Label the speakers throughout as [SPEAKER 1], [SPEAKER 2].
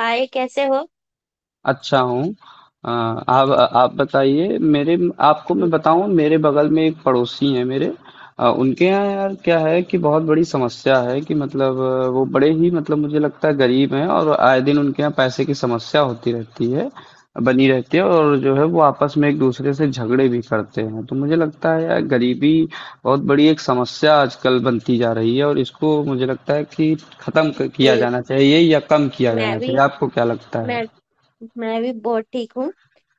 [SPEAKER 1] हाय, कैसे हो।
[SPEAKER 2] अच्छा हूँ। अ, आप आप बताइए मेरे। आपको मैं
[SPEAKER 1] हम्म,
[SPEAKER 2] बताऊँ, मेरे बगल में एक पड़ोसी हैं मेरे। उनके यहाँ यार क्या है कि बहुत बड़ी समस्या है कि मतलब वो बड़े ही, मतलब मुझे लगता है, गरीब हैं और आए दिन उनके यहाँ पैसे की समस्या होती रहती है, बनी रहती है। और जो है, वो आपस में एक दूसरे से झगड़े भी करते हैं। तो मुझे लगता है यार गरीबी बहुत बड़ी एक समस्या आजकल बनती जा रही है और इसको मुझे लगता है कि खत्म किया
[SPEAKER 1] बिल्कुल।
[SPEAKER 2] जाना चाहिए या कम किया जाना
[SPEAKER 1] मैं भी
[SPEAKER 2] चाहिए। आपको क्या लगता है?
[SPEAKER 1] मैं मैं भी बहुत ठीक हूँ।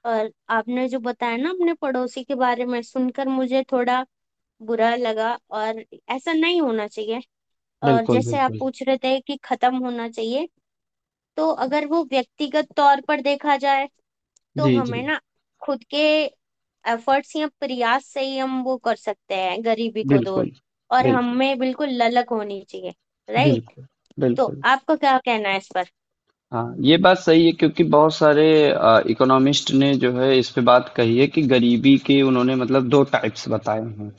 [SPEAKER 1] और आपने जो बताया ना अपने पड़ोसी के बारे में, सुनकर मुझे थोड़ा बुरा लगा। और ऐसा नहीं होना चाहिए। और
[SPEAKER 2] बिल्कुल,
[SPEAKER 1] जैसे आप
[SPEAKER 2] बिल्कुल।
[SPEAKER 1] पूछ रहे थे कि खत्म होना चाहिए, तो अगर वो व्यक्तिगत तौर पर देखा जाए, तो
[SPEAKER 2] जी,
[SPEAKER 1] हमें
[SPEAKER 2] जी।
[SPEAKER 1] ना खुद के एफर्ट्स या प्रयास से ही हम वो कर सकते हैं गरीबी को दूर।
[SPEAKER 2] बिल्कुल,
[SPEAKER 1] और
[SPEAKER 2] बिल्कुल,
[SPEAKER 1] हमें बिल्कुल ललक होनी चाहिए, राइट।
[SPEAKER 2] बिल्कुल,
[SPEAKER 1] तो
[SPEAKER 2] बिल्कुल।
[SPEAKER 1] आपका क्या कहना है इस पर।
[SPEAKER 2] हाँ, ये बात सही है क्योंकि बहुत सारे इकोनॉमिस्ट ने जो है इस पे बात कही है कि गरीबी के उन्होंने मतलब दो टाइप्स बताए हैं।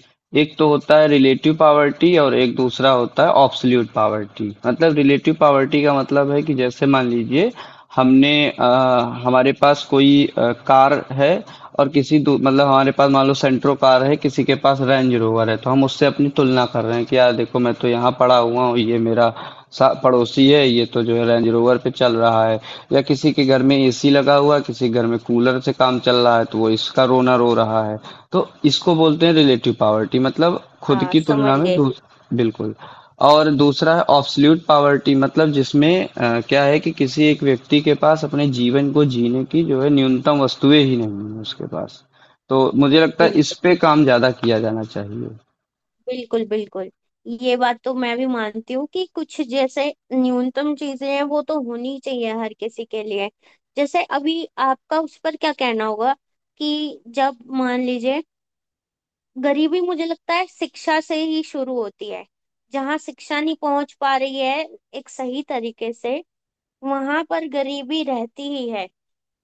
[SPEAKER 2] एक तो होता है रिलेटिव पावर्टी और एक दूसरा होता है ऑब्सोल्यूट पावर्टी। मतलब रिलेटिव पावर्टी का मतलब है कि जैसे मान लीजिए हमने हमारे पास कोई कार है और किसी मतलब हमारे पास मान लो सेंट्रो कार है, किसी के पास रेंज रोवर है, तो हम उससे अपनी तुलना कर रहे हैं कि यार देखो, मैं तो यहाँ पड़ा हुआ हूँ, ये मेरा सा पड़ोसी है, ये तो जो है रेंज रोवर पे चल रहा है। या किसी के घर में एसी लगा हुआ है, किसी के घर में कूलर से काम चल रहा है, तो वो इसका रोना रो रहा है। तो इसको बोलते हैं रिलेटिव पावर्टी। मतलब खुद
[SPEAKER 1] हाँ,
[SPEAKER 2] की
[SPEAKER 1] समझ
[SPEAKER 2] तुलना में
[SPEAKER 1] गए।
[SPEAKER 2] दूस बिल्कुल। और दूसरा है ऑब्सोल्यूट पावर्टी। मतलब जिसमें क्या है कि किसी एक व्यक्ति के पास अपने जीवन को जीने की जो है न्यूनतम वस्तुएं ही नहीं है उसके पास। तो मुझे लगता है इस
[SPEAKER 1] बिल्कुल
[SPEAKER 2] पे काम ज्यादा किया जाना चाहिए।
[SPEAKER 1] बिल्कुल बिल्कुल ये बात तो मैं भी मानती हूँ कि कुछ जैसे न्यूनतम चीजें हैं, वो तो होनी चाहिए हर किसी के लिए। जैसे अभी आपका उस पर क्या कहना होगा कि जब मान लीजिए, गरीबी मुझे लगता है शिक्षा से ही शुरू होती है। जहाँ शिक्षा नहीं पहुंच पा रही है एक सही तरीके से, वहां पर गरीबी रहती ही है।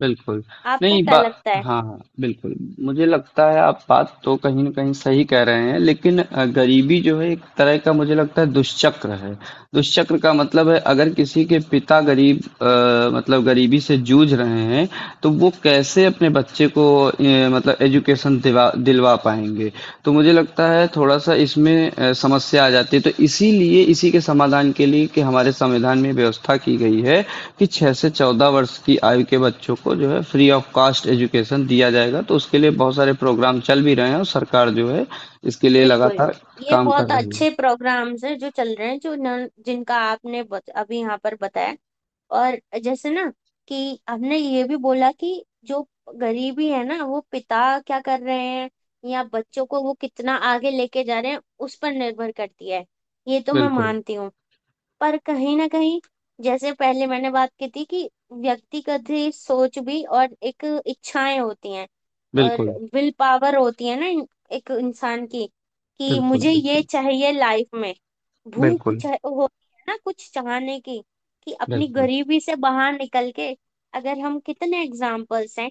[SPEAKER 2] बिल्कुल।
[SPEAKER 1] आपको
[SPEAKER 2] नहीं
[SPEAKER 1] क्या
[SPEAKER 2] बा
[SPEAKER 1] लगता
[SPEAKER 2] हाँ,
[SPEAKER 1] है।
[SPEAKER 2] हाँ, बिल्कुल। मुझे लगता है आप बात तो कहीं न कहीं सही कह रहे हैं, लेकिन गरीबी जो है एक तरह का मुझे लगता है। दुष्चक्र का मतलब है अगर किसी के पिता गरीब, मतलब गरीबी से जूझ रहे हैं, तो वो कैसे अपने बच्चे को मतलब एजुकेशन दिवा दिलवा पाएँगे। तो मुझे लगता है थोड़ा-सा इसमें समस्या आ जाती है। तो इसीलिए इसी के समाधान के लिए कि हमारे संविधान में व्यवस्था की गई है कि 6 से 14 वर्ष की आयु के बच्चों को जो है फ्री ऑफ कॉस्ट एजुकेशन दिया जाएगा। तो उसके लिए बहुत सारे प्रोग्राम चल भी रहे हैं और सरकार जो है इसके लिए
[SPEAKER 1] बिल्कुल।
[SPEAKER 2] लगातार
[SPEAKER 1] ये
[SPEAKER 2] काम कर
[SPEAKER 1] बहुत
[SPEAKER 2] रही है।
[SPEAKER 1] अच्छे प्रोग्राम्स हैं जो चल रहे हैं, जो न, जिनका आपने बत, अभी यहाँ पर बताया। और जैसे ना कि आपने ये भी बोला कि जो गरीबी है ना, वो पिता क्या कर रहे हैं या बच्चों को वो कितना आगे लेके जा रहे हैं, उस पर निर्भर करती है। ये तो मैं
[SPEAKER 2] बिल्कुल,
[SPEAKER 1] मानती हूँ। पर कहीं ना कहीं जैसे पहले मैंने बात की थी कि व्यक्तिगत ही सोच भी और एक इच्छाएं होती हैं। और
[SPEAKER 2] बिल्कुल,
[SPEAKER 1] विल पावर होती है ना इन- एक इंसान की, कि
[SPEAKER 2] बिल्कुल,
[SPEAKER 1] मुझे ये
[SPEAKER 2] बिल्कुल,
[SPEAKER 1] चाहिए लाइफ में। भूख
[SPEAKER 2] बिल्कुल,
[SPEAKER 1] चाह होती है ना कुछ चाहने की, कि अपनी
[SPEAKER 2] बिल्कुल।
[SPEAKER 1] गरीबी से बाहर निकल के। अगर हम, कितने एग्जाम्पल्स हैं।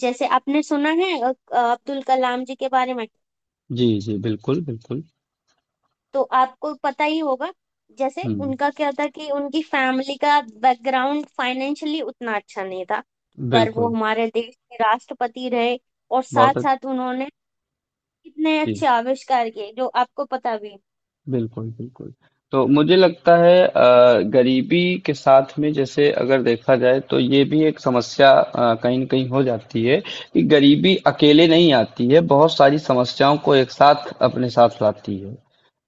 [SPEAKER 1] जैसे आपने सुना है अब्दुल कलाम जी के बारे में,
[SPEAKER 2] जी, जी, बिल्कुल, बिल्कुल।
[SPEAKER 1] तो आपको पता ही होगा। जैसे
[SPEAKER 2] हुँ,
[SPEAKER 1] उनका क्या था कि उनकी फैमिली का बैकग्राउंड फाइनेंशियली उतना अच्छा नहीं था, पर वो
[SPEAKER 2] बिल्कुल।
[SPEAKER 1] हमारे देश के राष्ट्रपति रहे। और साथ
[SPEAKER 2] बहुत अच्छ
[SPEAKER 1] साथ उन्होंने कितने
[SPEAKER 2] जी।
[SPEAKER 1] अच्छे आविष्कार किए जो आपको पता भी।
[SPEAKER 2] बिल्कुल, बिल्कुल। तो मुझे लगता है गरीबी के साथ में जैसे अगर देखा जाए तो ये भी एक समस्या कहीं न कहीं हो जाती है कि गरीबी अकेले नहीं आती है, बहुत सारी समस्याओं को एक साथ अपने साथ लाती है।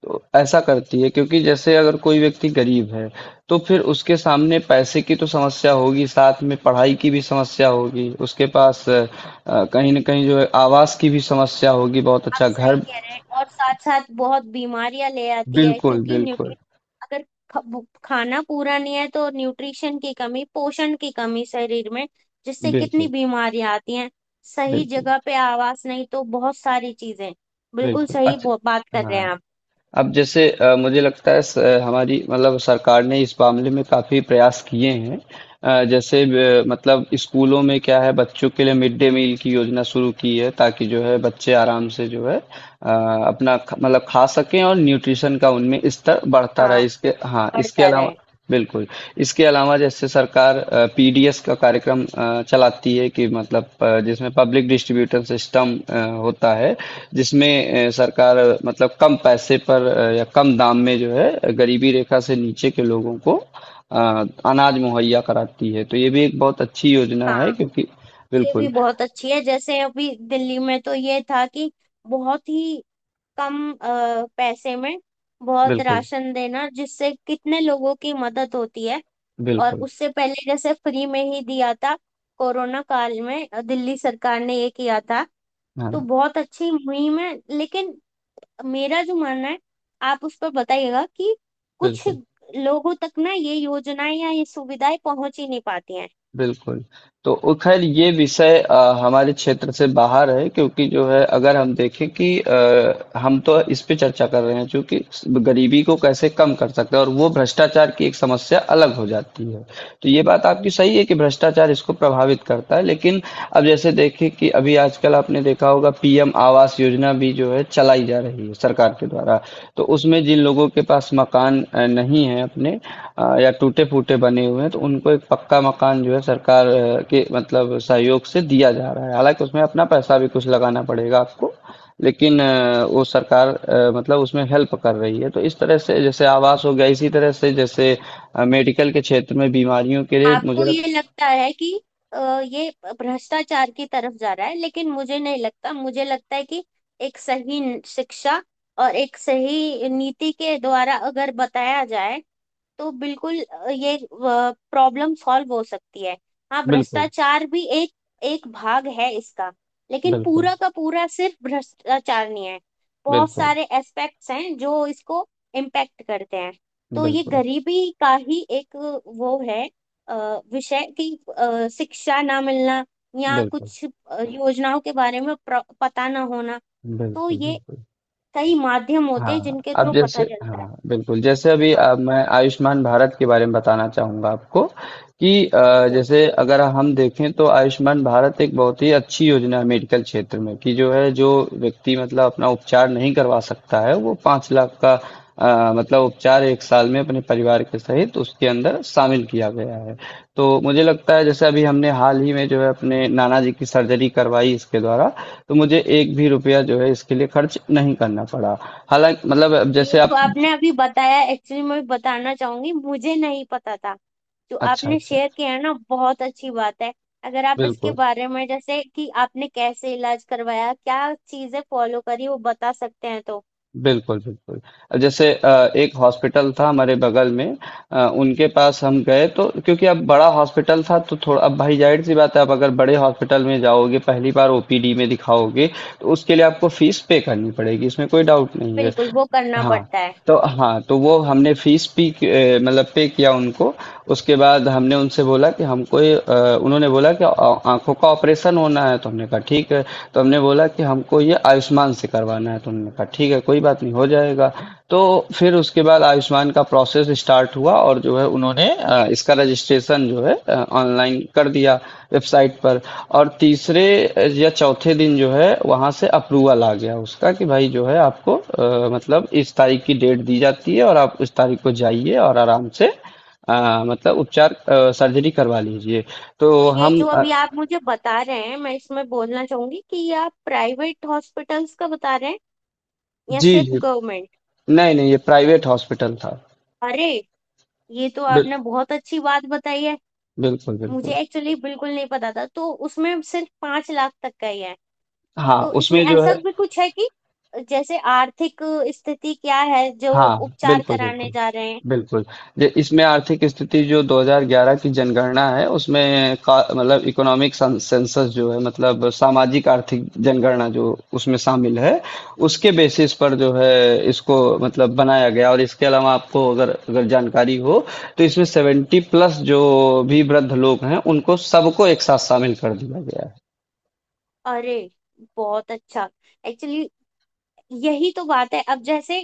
[SPEAKER 2] तो ऐसा करती है क्योंकि जैसे अगर कोई व्यक्ति गरीब है तो फिर उसके सामने पैसे की तो समस्या होगी, साथ में पढ़ाई की भी समस्या होगी, उसके पास कहीं ना कहीं जो है आवास की भी समस्या होगी, बहुत
[SPEAKER 1] आप
[SPEAKER 2] अच्छा
[SPEAKER 1] सही
[SPEAKER 2] घर।
[SPEAKER 1] कह रहे हैं। और साथ साथ बहुत बीमारियां ले आती है
[SPEAKER 2] बिल्कुल,
[SPEAKER 1] क्योंकि न्यूट्रि,
[SPEAKER 2] बिल्कुल,
[SPEAKER 1] अगर ख- भु- खाना पूरा नहीं है, तो न्यूट्रिशन की कमी, पोषण की कमी शरीर में, जिससे कितनी
[SPEAKER 2] बिल्कुल,
[SPEAKER 1] बीमारियां आती हैं। सही
[SPEAKER 2] बिल्कुल,
[SPEAKER 1] जगह पे आवास नहीं, तो बहुत सारी चीजें। बिल्कुल
[SPEAKER 2] बिल्कुल।
[SPEAKER 1] सही बो- बात
[SPEAKER 2] अच्छा,
[SPEAKER 1] कर रहे हैं
[SPEAKER 2] हाँ।
[SPEAKER 1] आप।
[SPEAKER 2] अब जैसे मुझे लगता है हमारी मतलब सरकार ने इस मामले में काफी प्रयास किए हैं। जैसे मतलब स्कूलों में क्या है बच्चों के लिए मिड डे मील की योजना शुरू की है ताकि जो है बच्चे आराम से जो है अ, अपना मतलब खा सकें और न्यूट्रिशन का उनमें स्तर बढ़ता
[SPEAKER 1] हाँ,
[SPEAKER 2] रहे। इसके, हाँ, इसके
[SPEAKER 1] बढ़ता
[SPEAKER 2] अलावा,
[SPEAKER 1] रहे।
[SPEAKER 2] बिल्कुल। इसके अलावा जैसे सरकार पीडीएस का कार्यक्रम चलाती है कि मतलब जिसमें पब्लिक डिस्ट्रीब्यूटर सिस्टम होता है, जिसमें सरकार मतलब कम पैसे पर या कम दाम में जो है गरीबी रेखा से नीचे के लोगों को अ, अनाज मुहैया कराती है, तो ये भी एक बहुत अच्छी योजना है
[SPEAKER 1] हाँ,
[SPEAKER 2] क्योंकि
[SPEAKER 1] ये भी
[SPEAKER 2] बिल्कुल,
[SPEAKER 1] बहुत अच्छी है। जैसे अभी दिल्ली में तो ये था कि बहुत ही कम पैसे में बहुत
[SPEAKER 2] बिल्कुल,
[SPEAKER 1] राशन देना, जिससे कितने लोगों की मदद होती है। और
[SPEAKER 2] बिल्कुल।
[SPEAKER 1] उससे पहले जैसे फ्री में ही दिया था कोरोना काल में, दिल्ली सरकार ने ये किया था। तो
[SPEAKER 2] हाँ,
[SPEAKER 1] बहुत अच्छी मुहिम है, लेकिन मेरा जो मानना है, आप उस पर बताइएगा, कि कुछ
[SPEAKER 2] बिल्कुल।
[SPEAKER 1] लोगों तक ना ये योजनाएं या ये सुविधाएं पहुंच ही नहीं पाती हैं।
[SPEAKER 2] बिल्कुल। तो वो ख़ैर, ये विषय हमारे क्षेत्र से बाहर है क्योंकि जो है अगर हम देखें कि हम तो इस पे चर्चा कर रहे हैं चूँकि गरीबी को कैसे कम कर सकते हैं, और वो भ्रष्टाचार की एक समस्या अलग हो जाती है। तो ये बात आपकी सही है कि भ्रष्टाचार इसको प्रभावित करता है, लेकिन अब जैसे देखें कि अभी आजकल आपने देखा होगा पीएम आवास योजना भी जो है चलाई जा रही है सरकार के द्वारा। तो उसमें जिन लोगों के पास मकान नहीं है अपने, या टूटे फूटे बने हुए हैं, तो उनको एक पक्का मकान जो है सरकार के मतलब सहयोग से दिया जा रहा है, हालांकि उसमें अपना पैसा भी कुछ लगाना पड़ेगा आपको। लेकिन वो सरकार, मतलब उसमें हेल्प कर रही है। तो इस तरह से जैसे आवास हो गया, इसी तरह से जैसे मेडिकल के क्षेत्र में बीमारियों के लिए मुझे
[SPEAKER 1] आपको
[SPEAKER 2] लग।
[SPEAKER 1] ये लगता है कि अ, ये भ्रष्टाचार की तरफ जा रहा है, लेकिन मुझे नहीं लगता। मुझे लगता है कि एक सही शिक्षा और एक सही नीति के द्वारा अगर बताया जाए, तो बिल्कुल ये प्रॉब्लम सॉल्व हो सकती है। हाँ,
[SPEAKER 2] बिल्कुल,
[SPEAKER 1] भ्रष्टाचार भी एक एक भाग है इसका, लेकिन
[SPEAKER 2] बिल्कुल,
[SPEAKER 1] पूरा का पूरा सिर्फ भ्रष्टाचार नहीं है। बहुत
[SPEAKER 2] बिल्कुल,
[SPEAKER 1] सारे एस्पेक्ट्स हैं जो इसको इम्पैक्ट करते हैं। तो ये
[SPEAKER 2] बिल्कुल,
[SPEAKER 1] गरीबी का ही एक वो है, अ, विषय कि शिक्षा ना मिलना या
[SPEAKER 2] बिल्कुल,
[SPEAKER 1] कुछ योजनाओं के बारे में प्र- पता ना होना। तो
[SPEAKER 2] बिल्कुल,
[SPEAKER 1] ये
[SPEAKER 2] बिल्कुल।
[SPEAKER 1] कई माध्यम होते हैं
[SPEAKER 2] हाँ,
[SPEAKER 1] जिनके
[SPEAKER 2] अब
[SPEAKER 1] थ्रू
[SPEAKER 2] जैसे,
[SPEAKER 1] पता चलता है।
[SPEAKER 2] हाँ, बिल्कुल। जैसे अभी
[SPEAKER 1] हाँ,
[SPEAKER 2] मैं आयुष्मान भारत के बारे में बताना चाहूँगा आपको कि
[SPEAKER 1] अच्छा।
[SPEAKER 2] जैसे अगर हम देखें तो आयुष्मान भारत एक बहुत ही अच्छी योजना है मेडिकल क्षेत्र में कि जो है जो व्यक्ति मतलब अपना उपचार नहीं करवा सकता है, वो 5 लाख का, मतलब उपचार एक साल में अपने परिवार के सहित उसके अंदर शामिल किया गया है। तो मुझे लगता है जैसे अभी हमने हाल ही में जो है अपने नाना जी की सर्जरी करवाई इसके द्वारा। तो मुझे एक भी रुपया जो है इसके लिए खर्च नहीं करना पड़ा। हालांकि मतलब, अब
[SPEAKER 1] ये
[SPEAKER 2] जैसे आप,
[SPEAKER 1] जो आपने अभी बताया, एक्चुअली मैं बताना चाहूंगी, मुझे नहीं पता था। जो
[SPEAKER 2] अच्छा,
[SPEAKER 1] आपने
[SPEAKER 2] अच्छा।
[SPEAKER 1] शेयर किया है ना, बहुत अच्छी बात है। अगर आप इसके
[SPEAKER 2] बिल्कुल,
[SPEAKER 1] बारे में, जैसे कि आपने कैसे इलाज करवाया, क्या चीजें फॉलो करी, वो बता सकते हैं तो।
[SPEAKER 2] बिल्कुल, बिल्कुल। जैसे एक हॉस्पिटल था हमारे बगल में। उनके पास हम गए, तो क्योंकि अब बड़ा हॉस्पिटल था, तो थोड़ा अब भाई, जाहिर सी बात है आप अगर बड़े हॉस्पिटल में जाओगे, पहली बार ओपीडी में दिखाओगे, तो उसके लिए आपको फीस पे करनी पड़ेगी, इसमें कोई डाउट नहीं है।
[SPEAKER 1] बिल्कुल, वो करना
[SPEAKER 2] हाँ,
[SPEAKER 1] पड़ता है।
[SPEAKER 2] तो हाँ, तो वो हमने फीस भी मतलब पे किया उनको। उसके बाद हमने उनसे बोला कि हमको ये उन्होंने बोला कि आँखों का ऑपरेशन होना है, तो हमने कहा ठीक है। तो हमने बोला कि हमको ये आयुष्मान से करवाना है, तो उन्होंने कहा ठीक है, कोई बात नहीं, हो जाएगा। तो फिर उसके बाद आयुष्मान का प्रोसेस स्टार्ट हुआ और जो है उन्होंने इसका रजिस्ट्रेशन जो है ऑनलाइन कर दिया वेबसाइट पर। और तीसरे या चौथे दिन जो है वहां से अप्रूवल आ गया उसका कि भाई जो है आपको मतलब इस तारीख की डेट दी जाती है और आप इस तारीख को जाइए और आराम से मतलब उपचार सर्जरी करवा लीजिए।
[SPEAKER 1] तो
[SPEAKER 2] तो
[SPEAKER 1] ये
[SPEAKER 2] हम
[SPEAKER 1] जो अभी आप मुझे बता रहे हैं, मैं इसमें बोलना चाहूंगी कि ये आप प्राइवेट हॉस्पिटल्स का बता रहे हैं या
[SPEAKER 2] जी,
[SPEAKER 1] सिर्फ
[SPEAKER 2] जी,
[SPEAKER 1] गवर्नमेंट।
[SPEAKER 2] नहीं, नहीं, ये प्राइवेट हॉस्पिटल था।
[SPEAKER 1] अरे, ये तो
[SPEAKER 2] बिल,
[SPEAKER 1] आपने बहुत अच्छी बात बताई है।
[SPEAKER 2] बिल्कुल, बिल्कुल।
[SPEAKER 1] मुझे एक्चुअली बिल्कुल नहीं पता था। तो उसमें सिर्फ 5 लाख तक का ही है।
[SPEAKER 2] हाँ,
[SPEAKER 1] तो इसमें
[SPEAKER 2] उसमें जो है,
[SPEAKER 1] ऐसा भी कुछ है कि जैसे आर्थिक स्थिति क्या है जो
[SPEAKER 2] हाँ,
[SPEAKER 1] उपचार
[SPEAKER 2] बिल्कुल,
[SPEAKER 1] कराने
[SPEAKER 2] बिल्कुल,
[SPEAKER 1] जा रहे हैं।
[SPEAKER 2] बिल्कुल। जे इसमें आर्थिक स्थिति जो 2011 की जनगणना है, उसमें का मतलब इकोनॉमिक सन सेंसस जो है, मतलब सामाजिक आर्थिक जनगणना जो उसमें शामिल है, उसके बेसिस पर जो है इसको मतलब बनाया गया। और इसके अलावा आपको अगर अगर जानकारी हो, तो इसमें 70 प्लस जो भी वृद्ध लोग हैं, उनको सबको एक साथ शामिल कर दिया गया है।
[SPEAKER 1] अरे, बहुत अच्छा। एक्चुअली यही तो बात है। अब जैसे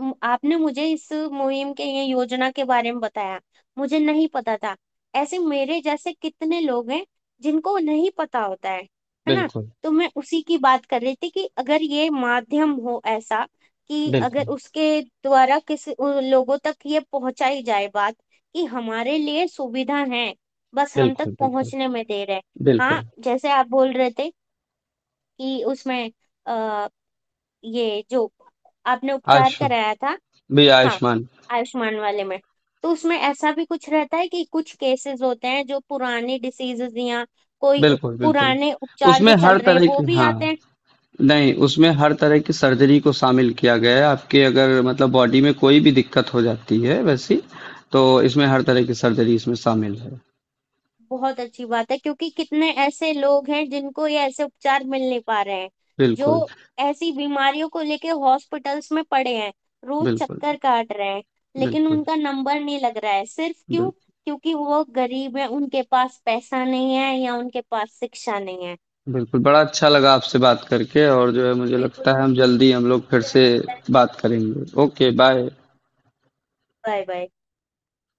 [SPEAKER 1] म- आपने मुझे इस मुहिम के, ये योजना के बारे में बताया, मुझे नहीं पता था। ऐसे मेरे जैसे कितने लोग हैं जिनको नहीं पता होता है ना।
[SPEAKER 2] बिल्कुल,
[SPEAKER 1] तो मैं उसी की बात कर रही थी कि अगर ये माध्यम हो ऐसा, कि अगर
[SPEAKER 2] बिल्कुल,
[SPEAKER 1] उसके द्वारा किसी, उन लोगों तक ये पहुंचाई जाए बात कि हमारे लिए सुविधा है, बस हम तक
[SPEAKER 2] बिल्कुल, बिल्कुल,
[SPEAKER 1] पहुंचने में देर है। हाँ,
[SPEAKER 2] बिल्कुल।
[SPEAKER 1] जैसे आप बोल रहे थे कि उसमें ये जो आपने उपचार
[SPEAKER 2] आयुष्मान
[SPEAKER 1] कराया था।
[SPEAKER 2] भी
[SPEAKER 1] हाँ,
[SPEAKER 2] आयुष्मान।
[SPEAKER 1] आयुष्मान वाले में, तो उसमें ऐसा भी कुछ रहता है कि कुछ केसेस होते हैं जो पुराने डिसीजेज या कोई
[SPEAKER 2] बिल्कुल, बिल्कुल।
[SPEAKER 1] पुराने उपचार जो
[SPEAKER 2] उसमें
[SPEAKER 1] चल
[SPEAKER 2] हर
[SPEAKER 1] रहे हैं,
[SPEAKER 2] तरह
[SPEAKER 1] वो
[SPEAKER 2] की,
[SPEAKER 1] भी
[SPEAKER 2] हाँ,
[SPEAKER 1] आते हैं।
[SPEAKER 2] नहीं, उसमें हर तरह की सर्जरी को शामिल किया गया है। आपके अगर मतलब बॉडी में कोई भी दिक्कत हो जाती है वैसी, तो इसमें हर तरह की सर्जरी इसमें शामिल है।
[SPEAKER 1] बहुत अच्छी बात है क्योंकि कितने ऐसे लोग हैं जिनको ये ऐसे उपचार मिल नहीं पा रहे हैं, जो
[SPEAKER 2] बिल्कुल,
[SPEAKER 1] ऐसी बीमारियों को लेके हॉस्पिटल्स में पड़े हैं, रोज
[SPEAKER 2] बिल्कुल,
[SPEAKER 1] चक्कर काट रहे हैं, लेकिन
[SPEAKER 2] बिल्कुल,
[SPEAKER 1] उनका नंबर नहीं लग रहा है सिर्फ
[SPEAKER 2] बिल
[SPEAKER 1] क्यों, क्योंकि वो गरीब हैं, उनके पास पैसा नहीं है या उनके पास शिक्षा नहीं है।
[SPEAKER 2] बिल्कुल, बड़ा अच्छा लगा आपसे बात करके और जो है मुझे
[SPEAKER 1] बिल्कुल,
[SPEAKER 2] लगता है हम जल्दी, हम लोग फिर
[SPEAKER 1] मुझे भी
[SPEAKER 2] से
[SPEAKER 1] लगता है।
[SPEAKER 2] बात करेंगे। Okay, bye.
[SPEAKER 1] Bye bye.